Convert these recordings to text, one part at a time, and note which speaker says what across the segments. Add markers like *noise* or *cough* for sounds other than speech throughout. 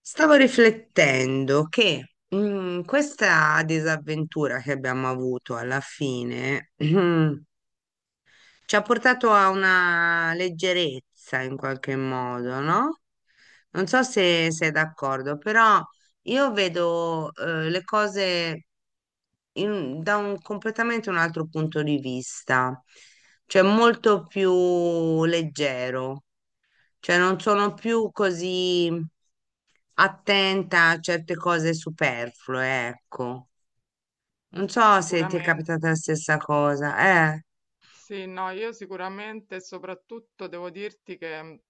Speaker 1: Stavo riflettendo che questa disavventura che abbiamo avuto alla fine *clears throat* ci ha portato a una leggerezza in qualche modo, no? Non so se sei d'accordo, però io vedo le cose da un completamente un altro punto di vista, cioè molto più leggero, cioè non sono più così attenta a certe cose superflue, ecco. Non so se ti è capitata
Speaker 2: Sicuramente.
Speaker 1: la stessa cosa, eh.
Speaker 2: Sì, no, io sicuramente, e soprattutto devo dirti che,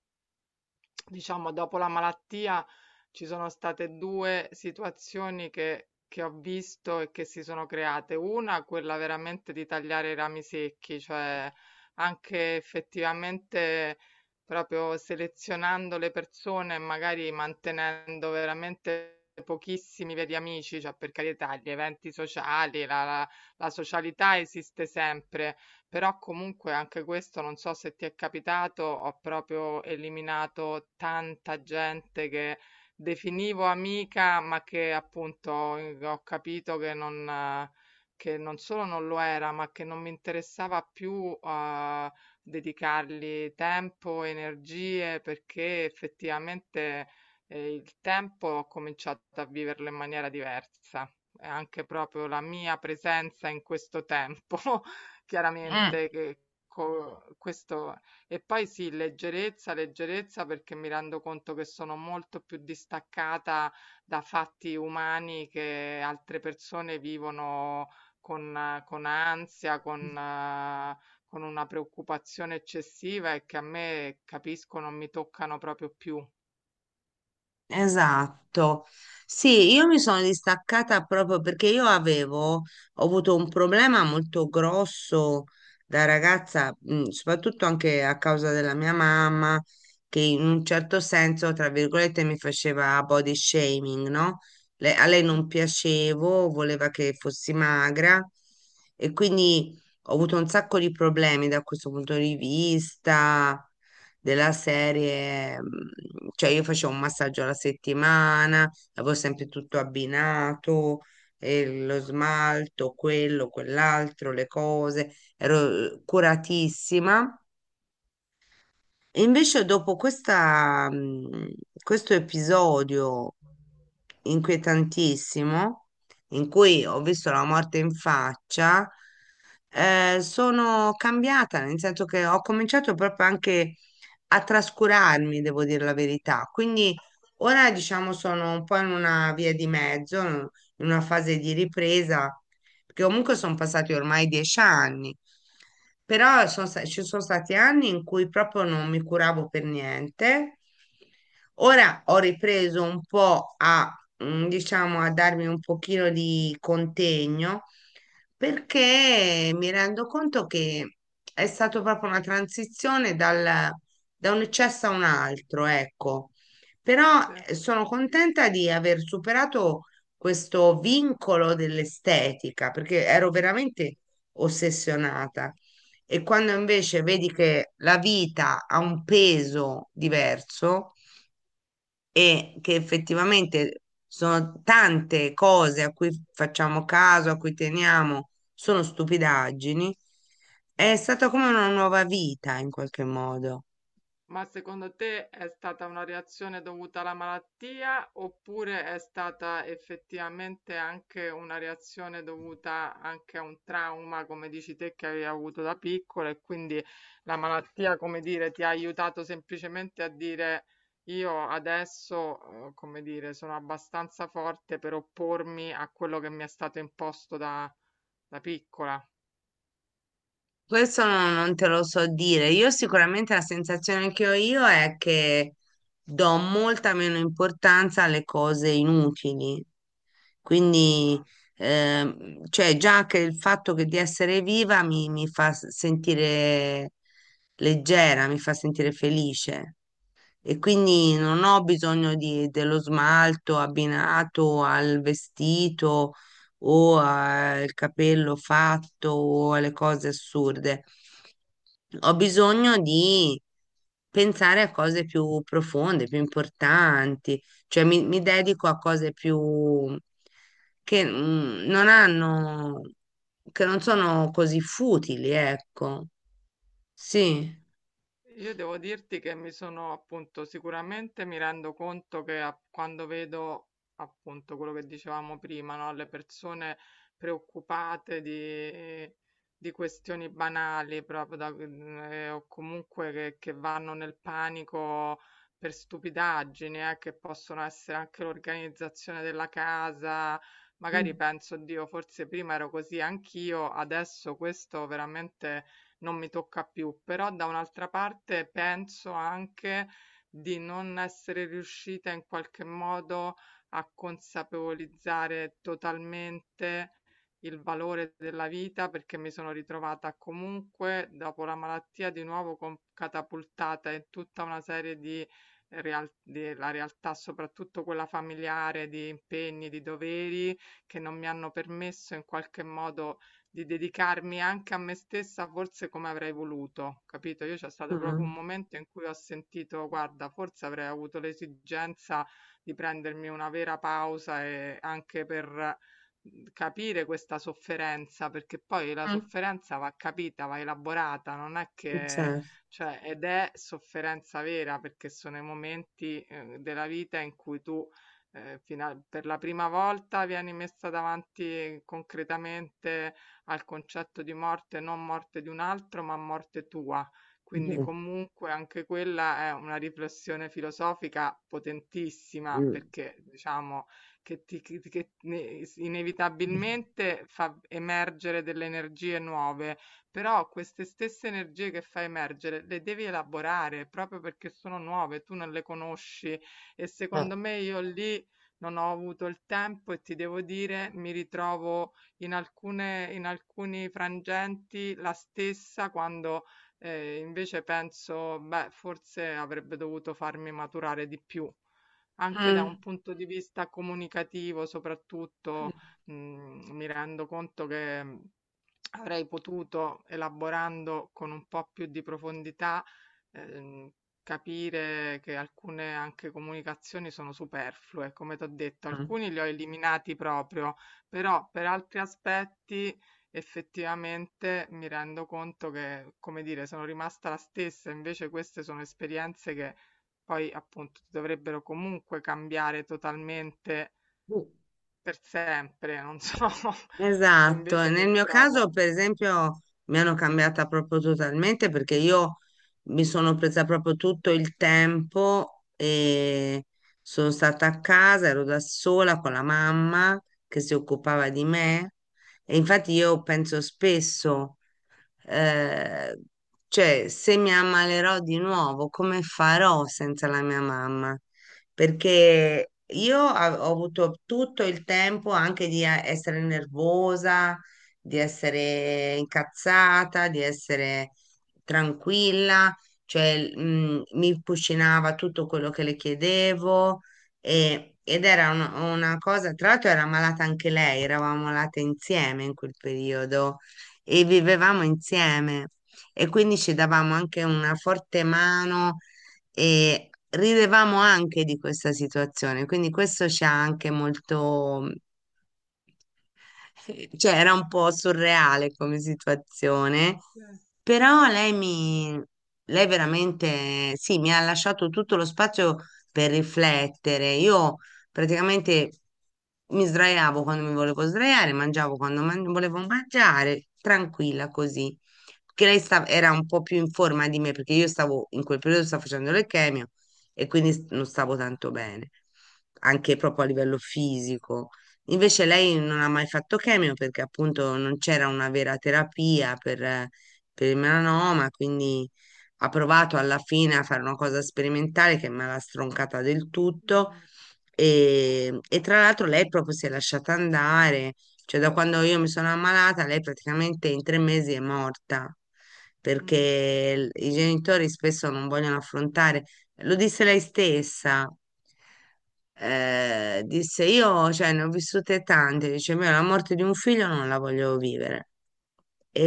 Speaker 2: diciamo, dopo la malattia ci sono state due situazioni che ho visto e che si sono create. Una, quella veramente di tagliare i rami secchi, cioè anche effettivamente proprio selezionando le persone e magari mantenendo veramente pochissimi veri amici, cioè per carità, gli eventi sociali, la socialità esiste sempre, però comunque anche questo non so se ti è capitato, ho proprio eliminato tanta gente che definivo amica, ma che appunto ho capito che non solo non lo era, ma che non mi interessava più dedicargli tempo, energie, perché effettivamente il tempo ho cominciato a viverlo in maniera diversa. E anche proprio la mia presenza in questo tempo *laughs*
Speaker 1: Mm.
Speaker 2: chiaramente che questo. E poi sì, leggerezza, leggerezza, perché mi rendo conto che sono molto più distaccata da fatti umani che altre persone vivono con ansia, con una preoccupazione eccessiva e che a me, capisco, non mi toccano proprio più.
Speaker 1: Esatto. Sì, io mi sono distaccata proprio perché ho avuto un problema molto grosso da ragazza, soprattutto anche a causa della mia mamma, che in un certo senso, tra virgolette, mi faceva body shaming, no? A lei
Speaker 2: Mm,
Speaker 1: non piacevo, voleva che fossi magra e quindi ho avuto un sacco di problemi da questo punto di vista della serie, cioè io facevo un massaggio alla settimana, avevo sempre tutto abbinato, lo smalto, quello, quell'altro, le cose, ero curatissima. E invece dopo questa, questo episodio inquietantissimo, in cui ho visto la morte in faccia, sono cambiata, nel senso che ho cominciato proprio anche a trascurarmi, devo dire la verità. Quindi ora, diciamo, sono un po' in una via di mezzo, in una fase di ripresa, perché comunque sono passati ormai 10 anni. Però ci sono stati anni in cui proprio non mi curavo per niente. Ora ho ripreso un po' a diciamo, a darmi un pochino di contegno perché mi rendo conto che è stata proprio una transizione da un eccesso a un altro, ecco. Però
Speaker 2: sì.
Speaker 1: sono contenta di aver superato questo vincolo dell'estetica, perché ero veramente ossessionata. E quando invece vedi che la vita ha un peso diverso, e che effettivamente sono tante cose a cui facciamo caso, a cui teniamo, sono stupidaggini, è stata come una nuova vita in qualche modo.
Speaker 2: Ma secondo te è stata una reazione dovuta alla malattia oppure è stata effettivamente anche una reazione dovuta anche a un trauma, come dici te, che avevi avuto da piccola, e quindi la malattia, come dire, ti ha aiutato semplicemente a dire: io adesso, come dire, sono abbastanza forte per oppormi a quello che mi è stato imposto da piccola.
Speaker 1: Questo non, non te lo so dire. Io sicuramente la sensazione che ho io è che do molta meno importanza alle cose inutili. Quindi,
Speaker 2: Ah,
Speaker 1: cioè già che il fatto che di essere viva mi fa sentire leggera, mi fa sentire felice e quindi non ho bisogno dello smalto abbinato al vestito o al capello fatto o alle cose assurde. Ho bisogno di pensare a cose più profonde, più importanti, cioè mi dedico a cose più che non hanno, che non sono così futili, ecco. Sì.
Speaker 2: io devo dirti che mi sono appunto sicuramente mi rendo conto che quando vedo appunto quello che dicevamo prima, no? Le persone preoccupate di questioni banali proprio o comunque che vanno nel panico per stupidaggini, che possono essere anche l'organizzazione della casa.
Speaker 1: Mm.
Speaker 2: Magari penso, Dio, forse prima ero così anch'io, adesso questo veramente non mi tocca più, però da un'altra parte penso anche di non essere riuscita in qualche modo a consapevolizzare totalmente il valore della vita, perché mi sono ritrovata comunque dopo la malattia di nuovo catapultata in tutta una serie di della realtà, soprattutto quella familiare, di impegni, di doveri che non mi hanno permesso in qualche modo di dedicarmi anche a me stessa forse come avrei voluto, capito? Io, c'è stato proprio un
Speaker 1: Mm.
Speaker 2: momento in cui ho sentito, guarda, forse avrei avuto l'esigenza di prendermi una vera pausa e anche per capire questa sofferenza, perché poi la
Speaker 1: Mm.
Speaker 2: sofferenza va capita, va elaborata, non è che,
Speaker 1: Certo.
Speaker 2: cioè, ed è sofferenza vera, perché sono i momenti, della vita in cui tu, per la prima volta vieni messa davanti concretamente al concetto di morte, non morte di un altro, ma morte tua. Quindi
Speaker 1: Eh.
Speaker 2: comunque anche quella è una riflessione filosofica potentissima,
Speaker 1: Eh,
Speaker 2: perché diciamo che, ti, che ne- inevitabilmente fa emergere delle energie nuove, però queste stesse energie che fa emergere le devi elaborare proprio perché sono nuove, tu non le conosci, e
Speaker 1: eh.
Speaker 2: secondo me io lì non ho avuto il tempo, e ti devo dire mi ritrovo in alcuni frangenti la stessa quando, invece penso: "Beh, forse avrebbe dovuto farmi maturare di più". Anche da un
Speaker 1: Mm,
Speaker 2: punto di vista comunicativo soprattutto, mi rendo conto che avrei potuto, elaborando con un po' più di profondità, ehm, capire che alcune anche comunicazioni sono superflue. Come t'ho detto,
Speaker 1: mm.
Speaker 2: alcuni li ho eliminati proprio, però per altri aspetti effettivamente mi rendo conto che, come dire, sono rimasta la stessa, invece queste sono esperienze che poi appunto ti dovrebbero comunque cambiare totalmente per sempre, non so, *laughs* e
Speaker 1: Esatto, e
Speaker 2: invece mi
Speaker 1: nel mio caso
Speaker 2: ritrovo.
Speaker 1: per esempio mi hanno cambiata proprio totalmente perché io mi sono presa proprio tutto il tempo e sono stata a casa, ero da sola con la mamma che si occupava di me e infatti io penso spesso, eh, cioè se mi ammalerò di nuovo, come farò senza la mia mamma? Perché io ho avuto tutto il tempo anche di essere nervosa, di essere incazzata, di essere tranquilla, cioè mi cucinava tutto quello che le chiedevo ed era una cosa, tra l'altro era ammalata anche lei, eravamo malate insieme in quel periodo e vivevamo insieme e quindi ci davamo anche una forte mano e ridevamo anche di questa situazione, quindi questo ci ha anche molto, cioè era un po' surreale come situazione,
Speaker 2: Eh,
Speaker 1: però lei veramente, sì, mi ha lasciato tutto lo spazio per riflettere. Io praticamente mi sdraiavo quando mi volevo sdraiare, mangiavo quando volevo mangiare, tranquilla così. Perché lei era un po' più in forma di me, perché io stavo, in quel periodo stavo facendo le chemio e quindi non stavo tanto bene, anche proprio a livello fisico. Invece lei non ha mai fatto chemio perché appunto non c'era una vera terapia per il melanoma, quindi ha provato alla fine a fare una cosa sperimentale che me l'ha stroncata del tutto
Speaker 2: mm,
Speaker 1: e tra l'altro lei proprio si è lasciata andare, cioè da quando io mi sono ammalata lei praticamente in 3 mesi è morta
Speaker 2: mm,
Speaker 1: perché i genitori spesso non vogliono affrontare. Lo disse lei stessa. Disse io, cioè, ne ho vissute tante. Dice, me la morte di un figlio non la voglio vivere.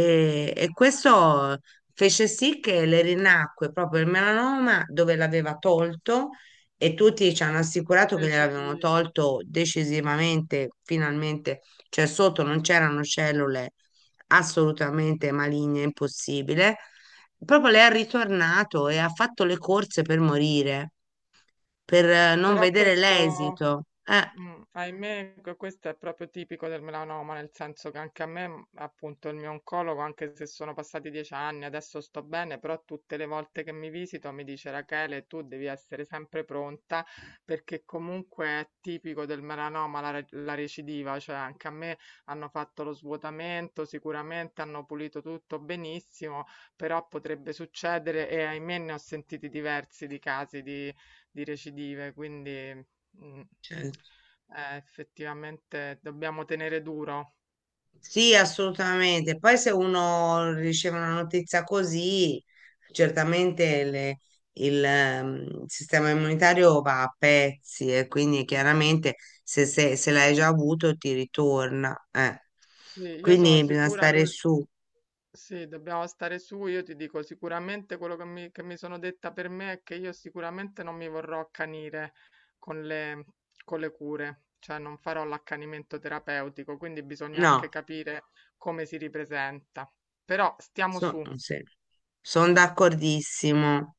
Speaker 2: mm.
Speaker 1: e
Speaker 2: Vabbè, giusto,
Speaker 1: questo fece sì che le rinacque proprio il melanoma dove l'aveva tolto e tutti ci hanno assicurato che gliel'avevano
Speaker 2: recidivo.
Speaker 1: tolto decisivamente, finalmente, cioè sotto non c'erano cellule assolutamente maligne, impossibile. Proprio lei è ritornato e ha fatto le corse per morire, per non
Speaker 2: Però
Speaker 1: vedere
Speaker 2: questo,
Speaker 1: l'esito. Eh,
Speaker 2: mh, ahimè, questo è proprio tipico del melanoma, nel senso che anche a me, appunto, il mio oncologo, anche se sono passati 10 anni, adesso sto bene, però tutte le volte che mi visito mi dice: "Rachele, tu devi essere sempre pronta, perché comunque è tipico del melanoma la recidiva", cioè anche a me hanno fatto lo svuotamento, sicuramente hanno pulito tutto benissimo, però potrebbe succedere e ahimè ne ho sentiti diversi di casi di recidive, quindi mh.
Speaker 1: cioè,
Speaker 2: Effettivamente dobbiamo tenere duro.
Speaker 1: sì, assolutamente. Poi se uno riceve una notizia così, certamente il sistema immunitario va a pezzi e quindi chiaramente se l'hai già avuto ti ritorna. Eh.
Speaker 2: Sì, io sono
Speaker 1: Quindi bisogna
Speaker 2: sicura,
Speaker 1: stare su.
Speaker 2: sì, dobbiamo stare su. Io ti dico sicuramente quello che che mi sono detta per me è che io sicuramente non mi vorrò accanire con le, con le cure, cioè non farò l'accanimento terapeutico, quindi bisogna anche
Speaker 1: No,
Speaker 2: capire come si ripresenta. Però stiamo su.
Speaker 1: sono d'accordissimo.